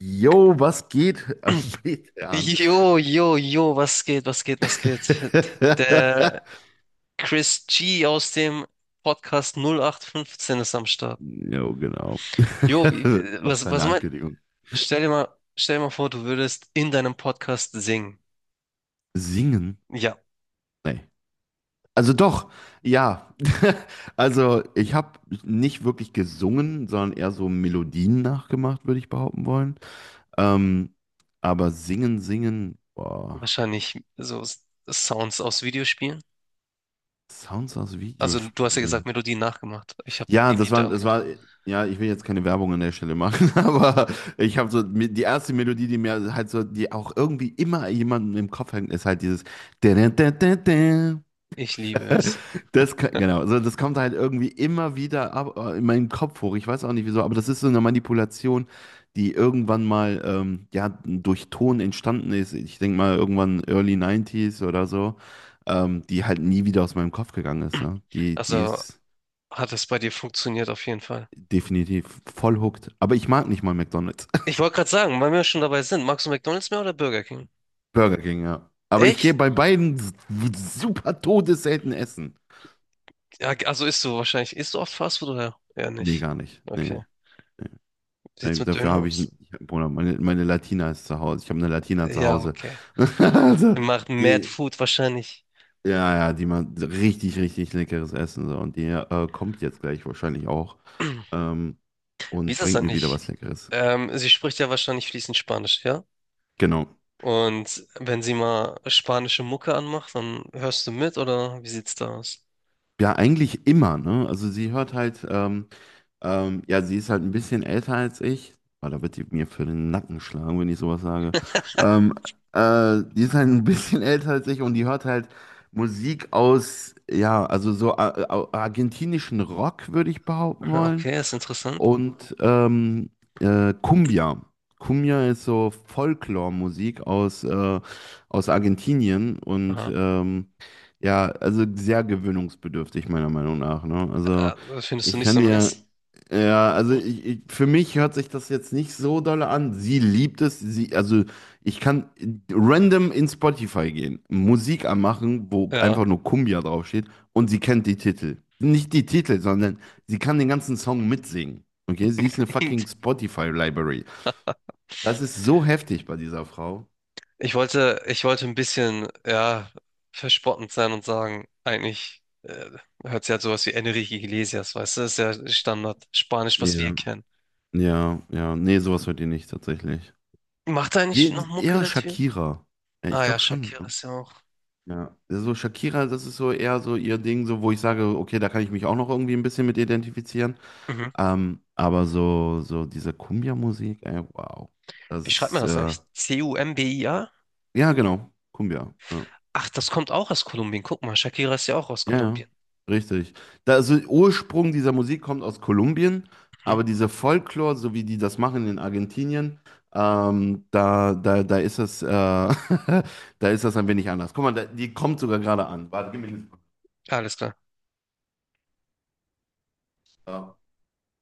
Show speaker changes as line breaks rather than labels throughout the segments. Jo, was geht am Metern?
Jo, jo, jo, was geht, was geht, was geht? Der Chris G aus dem Podcast 08/15 ist am Start.
Jo, genau.
Jo, wie-
Was
was,
für
was
eine
meinst.
Ankündigung.
Stell dir mal, Stell dir mal vor, du würdest in deinem Podcast singen.
Singen?
Ja,
Nee. Also doch, ja. Also ich habe nicht wirklich gesungen, sondern eher so Melodien nachgemacht, würde ich behaupten wollen. Ähm, aber singen, singen, boah,
wahrscheinlich so Sounds aus Videospielen.
Sounds aus
Also, du hast ja gesagt,
Videospielen.
Melodien nachgemacht. Ich habe
Ja,
irgendwie daran
das
gedacht.
war, ja, ich will jetzt keine Werbung an der Stelle machen, aber ich habe so, die erste Melodie, die mir halt so, die auch irgendwie immer jemandem im Kopf hängt, ist halt dieses.
Ich liebe es.
Genau, also das kommt halt irgendwie immer wieder ab, in meinen Kopf hoch. Ich weiß auch nicht wieso, aber das ist so eine Manipulation, die irgendwann mal ja, durch Ton entstanden ist. Ich denke mal irgendwann Early 90 oder so, die halt nie wieder aus meinem Kopf gegangen ist. Ne? Die
Also,
ist.
hat es bei dir funktioniert auf jeden Fall.
Definitiv. Voll hooked. Aber ich mag nicht mal McDonald's.
Ich wollte gerade sagen, weil wir schon dabei sind, magst du McDonald's mehr oder Burger King?
Burger King, ja. Aber ich gehe
Echt?
bei beiden super todesselten essen.
Ja, also isst du wahrscheinlich. Isst du oft Fastfood oder eher
Nee,
nicht?
gar nicht. Nee,
Okay.
nee.
Wie sieht's mit
Dafür
Döner
habe ich,
aus?
Bruder, meine Latina ist zu Hause. Ich habe eine Latina zu
Ja,
Hause.
okay.
Also,
Ihr macht Mad
die,
Food wahrscheinlich.
ja, ja, die macht richtig, richtig leckeres Essen. So. Und die kommt jetzt gleich wahrscheinlich auch ähm,
Wie
und
ist das
bringt mir wieder
eigentlich?
was Leckeres.
Sie spricht ja wahrscheinlich fließend Spanisch, ja?
Genau.
Und wenn sie mal spanische Mucke anmacht, dann hörst du mit oder wie sieht's da aus?
Ja, eigentlich immer, ne? Also sie hört halt, ja, sie ist halt ein bisschen älter als ich. Oh, da wird die mir für den Nacken schlagen, wenn ich sowas sage. Ähm, Die ist halt ein bisschen älter als ich und die hört halt Musik aus, ja, also so argentinischen Rock, würde ich behaupten wollen
Okay, ist interessant.
und Cumbia. Cumbia ist so Folklore-Musik aus Argentinien und
Aha.
ja, also sehr gewöhnungsbedürftig meiner Meinung nach. Ne? Also
Äh, findest du
ich
nicht
kann
so
dir,
nice?
ja, also ich, für mich hört sich das jetzt nicht so doll an. Sie liebt es, also ich kann random in Spotify gehen, Musik anmachen, wo
Ja.
einfach nur Cumbia draufsteht und sie kennt die Titel. Nicht die Titel, sondern sie kann den ganzen Song mitsingen. Okay, sie ist eine fucking Spotify-Library. Das ist so heftig bei dieser Frau.
Ich wollte ein bisschen, ja, verspottend sein und sagen, eigentlich hört sich halt sowas wie Enrique Iglesias, weißt du, das ist ja Standard Spanisch, was wir
Ja,
kennen.
ja, ja. Nee, sowas hört ihr nicht tatsächlich.
Macht er eigentlich noch Mucke,
Eher
der Typ?
Shakira. Ja, ich
Ah ja,
glaube
Shakira
schon.
ist ja auch.
Ja, so Shakira, das ist so eher so ihr Ding, so wo ich sage, okay, da kann ich mich auch noch irgendwie ein bisschen mit identifizieren.
Mhm.
Aber so, diese Cumbia-Musik, ey, wow.
Wie
Das
schreibt man
ist,
das eigentlich? C-U-M-B-I-A?
ja, genau, Cumbia. Ja.
Ach, das kommt auch aus Kolumbien. Guck mal, Shakira ist ja auch aus
Ja, ja,
Kolumbien.
richtig. Da, also Ursprung dieser Musik kommt aus Kolumbien,
Mhm.
aber dieser Folklore, so wie die das machen in Argentinien, da ist das, da ist das ein wenig anders. Guck mal, da, die kommt sogar gerade an. Warte, gib mir eine Sekunde.
Alles klar.
Ja.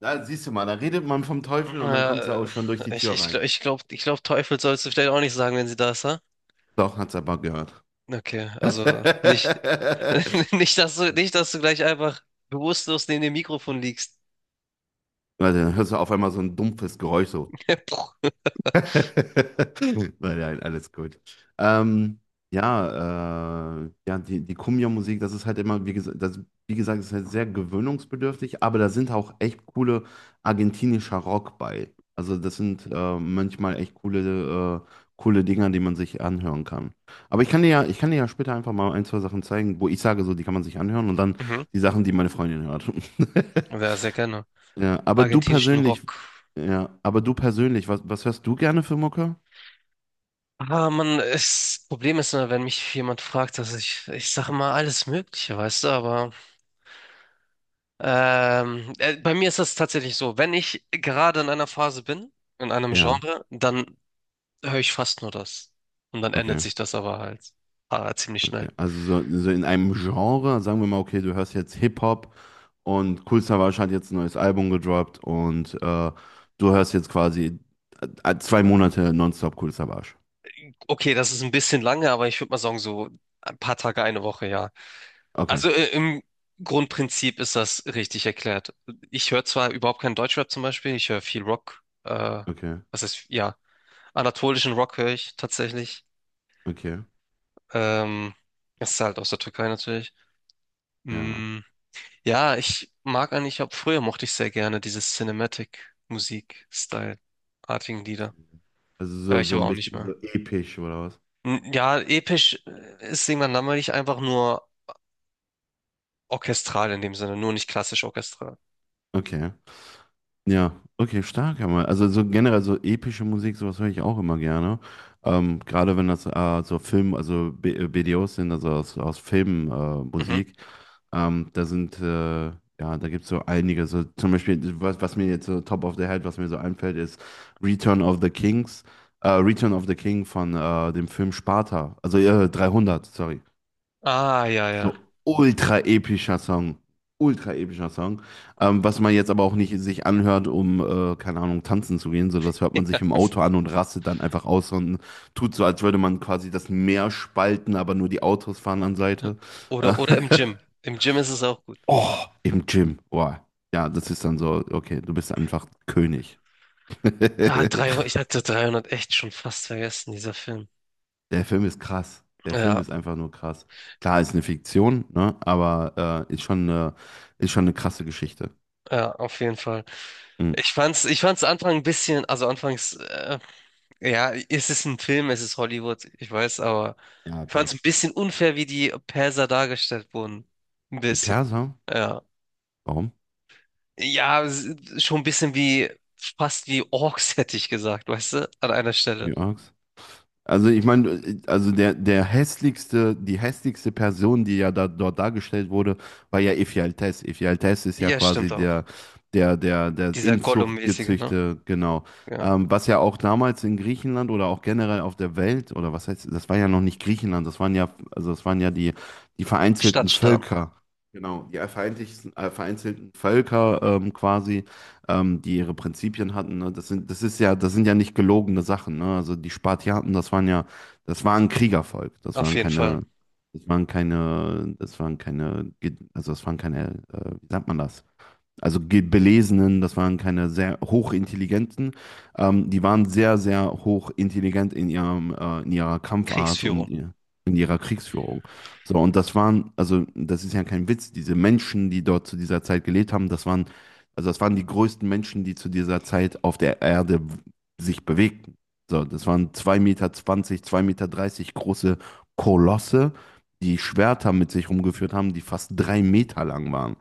Da siehst du mal, da redet man vom Teufel und dann
Ja,
kommt sie auch schon durch die
ich,
Tür
ich,
rein.
glaube, ich glaube, ich glaub, Teufel sollst du vielleicht auch nicht sagen, wenn sie da ist.
Doch, hat's aber gehört.
Okay, also nicht,
Warte,
nicht, dass du gleich einfach bewusstlos neben dem Mikrofon liegst.
dann hörst du auf einmal so ein dumpfes Geräusch so.
Puh.
Nein, nein, alles gut. Ähm, ja, ja, die Kumbia-Musik, das ist halt immer, wie gesagt, wie gesagt, ist halt sehr gewöhnungsbedürftig, aber da sind auch echt coole argentinischer Rock bei. Also das sind manchmal echt coole Dinger, die man sich anhören kann. Aber ich kann dir ja später einfach mal ein, zwei Sachen zeigen, wo ich sage, so, die kann man sich anhören und dann
Mhm.
die Sachen, die meine Freundin hört.
Ja, sehr gerne.
Ja, aber du
Argentinischen
persönlich,
Rock.
ja, aber du persönlich, was hörst du gerne für Mucke?
Ah, Mann, das Problem ist immer, wenn mich jemand fragt, dass ich sage immer alles Mögliche, weißt du, aber bei mir ist das tatsächlich so, wenn ich gerade in einer Phase bin, in einem
Ja,
Genre, dann höre ich fast nur das. Und dann ändert
okay,
sich das aber halt ziemlich schnell.
okay. Also so, in einem Genre, sagen wir mal, okay, du hörst jetzt Hip-Hop und Kool Savas hat jetzt ein neues Album gedroppt und du hörst jetzt quasi 2 Monate nonstop Kool Savas.
Okay, das ist ein bisschen lange, aber ich würde mal sagen, so ein paar Tage, eine Woche, ja.
Okay,
Also im Grundprinzip ist das richtig erklärt. Ich höre zwar überhaupt keinen Deutschrap zum Beispiel, ich höre viel Rock,
okay,
was heißt, ja, anatolischen Rock höre ich tatsächlich.
okay,
Ähm, Das ist halt aus der Türkei natürlich.
ja.
Mm, ja, ich mag eigentlich, ab früher mochte ich sehr gerne dieses Cinematic-Musik-Style-artigen Lieder.
Also
Höre
so,
ich aber
ein
auch nicht
bisschen so
mehr.
episch oder was?
Ja, episch ist irgendwann langweilig, einfach nur orchestral in dem Sinne, nur nicht klassisch orchestral.
Okay. Ja, okay, stark, aber also so generell so epische Musik, sowas höre ich auch immer gerne. Gerade wenn das so Film, also B BDOs sind, also aus Filmen
Mhm.
Musik, da sind ja, da gibt es so einige. So zum Beispiel, was mir jetzt so top of the head, was mir so einfällt, ist Return of the Kings, Return of the King von dem Film Sparta, also 300, sorry.
Ah, ja, ja.
So ultra epischer Song. Ultra epischer Song. Was man jetzt aber auch nicht sich anhört, um, keine Ahnung, tanzen zu gehen. So, das hört man sich im Auto an und rastet dann einfach aus und tut so, als würde man quasi das Meer spalten, aber nur die Autos fahren an Seite. Äh,
Oder im Gym. Im Gym ist es auch gut.
oh, im Gym. Wow. Ja, das ist dann so, okay, du bist einfach König.
Da
Der
300. Ich hatte 300 echt schon fast vergessen, dieser Film.
Film ist krass. Der Film
Ja,
ist einfach nur krass. Klar, ist eine Fiktion, ne? Aber ist schon eine krasse Geschichte.
ja, auf jeden Fall.
Mhm.
Ich fand's Anfang ein bisschen, also anfangs, ja, es ist ein Film, es ist Hollywood, ich weiß, aber
Ja,
ich
klar.
fand's ein bisschen unfair, wie die Perser dargestellt wurden. Ein
Die
bisschen.
Perser?
Ja.
Warum?
Ja, schon ein bisschen wie, fast wie Orks hätte ich gesagt, weißt du, an einer Stelle.
Wie arg's? Also ich meine, also der, der hässlichste, die hässlichste Person, die ja da, dort dargestellt wurde, war ja Ephialtes. Ephialtes ist ja
Ja, stimmt
quasi
auch.
der
Dieser
Inzucht
Gollum-mäßige, ne?
gezüchtete, genau.
Ja.
Was ja auch damals in Griechenland oder auch generell auf der Welt, oder was heißt, das war ja noch nicht Griechenland, das waren ja, also das waren ja die vereinzelten
Stadtstaaten,
Völker. Genau, die vereinzelten Völker quasi die ihre Prinzipien hatten. Ne? Das sind, das ist ja, das sind ja nicht gelogene Sachen. Ne? Also die Spartiaten, das waren ja, das war ein Kriegervolk. Das
auf
waren
jeden Fall.
keine, wie sagt man das? Also Belesenen, das waren keine sehr hochintelligenten. Die waren sehr, sehr hochintelligent in ihrem, in ihrer Kampfart und
Kriegsführung.
in ihrer Kriegsführung. So, und das waren, also das ist ja kein Witz, diese Menschen, die dort zu dieser Zeit gelebt haben, das waren, also das waren die größten Menschen, die zu dieser Zeit auf der Erde sich bewegten. So, das waren 2,20 m, 2,30 m große Kolosse, die Schwerter mit sich rumgeführt haben, die fast 3 Meter lang waren.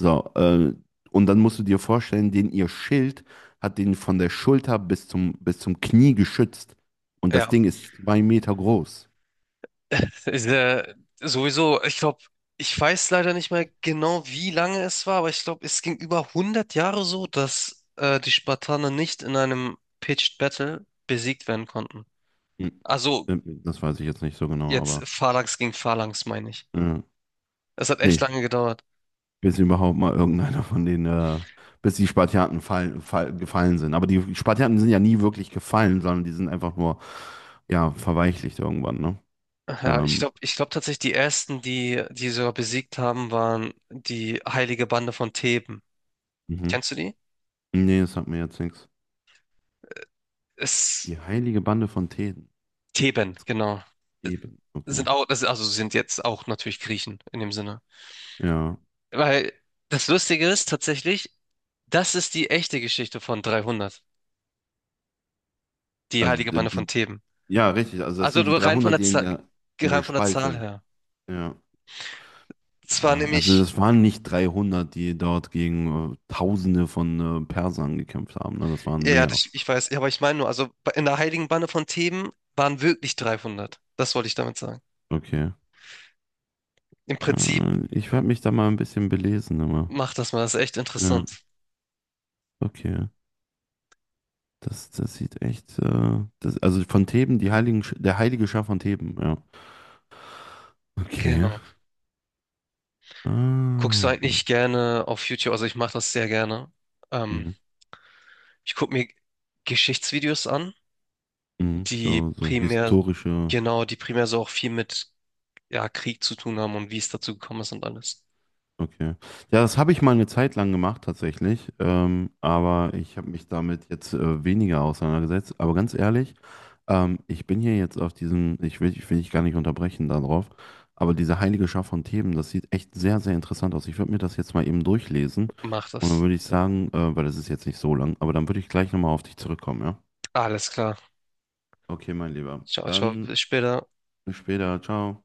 So, und dann musst du dir vorstellen, den ihr Schild hat den von der Schulter bis zum Knie geschützt. Und das
Ja.
Ding ist 2 Meter groß.
Ist, sowieso, ich glaube, ich weiß leider nicht mehr genau, wie lange es war, aber ich glaube, es ging über 100 Jahre so, dass die Spartaner nicht in einem Pitched Battle besiegt werden konnten.
Hm.
Also
Das weiß ich jetzt nicht so genau,
jetzt
aber
Phalanx gegen Phalanx, meine ich.
äh,
Es hat echt
nee,
lange gedauert.
bis überhaupt mal irgendeiner von denen, bis die Spartiaten gefallen sind. Aber die Spartiaten sind ja nie wirklich gefallen, sondern die sind einfach nur, ja, verweichlicht irgendwann, ne?
Ja,
Ähm,
ich glaube tatsächlich, die ersten, die die sogar besiegt haben, waren die Heilige Bande von Theben.
mhm.
Kennst du die?
Nee, das sagt mir jetzt nichts.
Es,
Die heilige Bande von Theben.
Theben, genau.
Theben, okay.
Sind auch, also sind jetzt auch natürlich Griechen in dem Sinne.
Ja,
Weil das Lustige ist tatsächlich, das ist die echte Geschichte von 300, die
also
heilige Bande von
die
Theben.
Ja, richtig. Also das
Also
sind die
nur rein von
300,
der
die
Zahl,
in der
rein von der Zahl
Spalte.
her.
Ja.
Es war
Ah, also
nämlich,
das waren nicht 300, die dort gegen Tausende von Persern gekämpft haben. Ne? Das waren
ja, ja,
mehr.
das, ich weiß, ja, aber ich meine nur, also in der heiligen Bande von Theben waren wirklich 300. Das wollte ich damit sagen.
Okay.
Im Prinzip
Ich werde mich da mal ein bisschen belesen. Aber.
macht das mal, das ist echt
Ja,
interessant.
okay. Das sieht echt. Das, also Von Theben, der heilige Schar von Theben. Ja. Okay.
Genau.
Ah.
Guckst du eigentlich gerne auf YouTube? Also ich mache das sehr gerne. Ähm,
Mhm.
Ich gucke mir Geschichtsvideos an,
Mhm.
die
So,
primär,
historische.
genau, die primär so auch viel mit ja, Krieg zu tun haben und wie es dazu gekommen ist und alles.
Okay. Ja, das habe ich mal eine Zeit lang gemacht tatsächlich, aber ich habe mich damit jetzt weniger auseinandergesetzt. Aber ganz ehrlich, ich bin hier jetzt auf diesen, ich will dich gar nicht unterbrechen darauf, aber diese heilige Schar von Themen, das sieht echt sehr, sehr interessant aus. Ich würde mir das jetzt mal eben durchlesen
Mach
und dann
das.
würde ich sagen, weil das ist jetzt nicht so lang, aber dann würde ich gleich nochmal auf dich zurückkommen, ja?
Alles klar.
Okay, mein Lieber.
Ciao, ciao.
Dann
Bis später.
bis später. Ciao.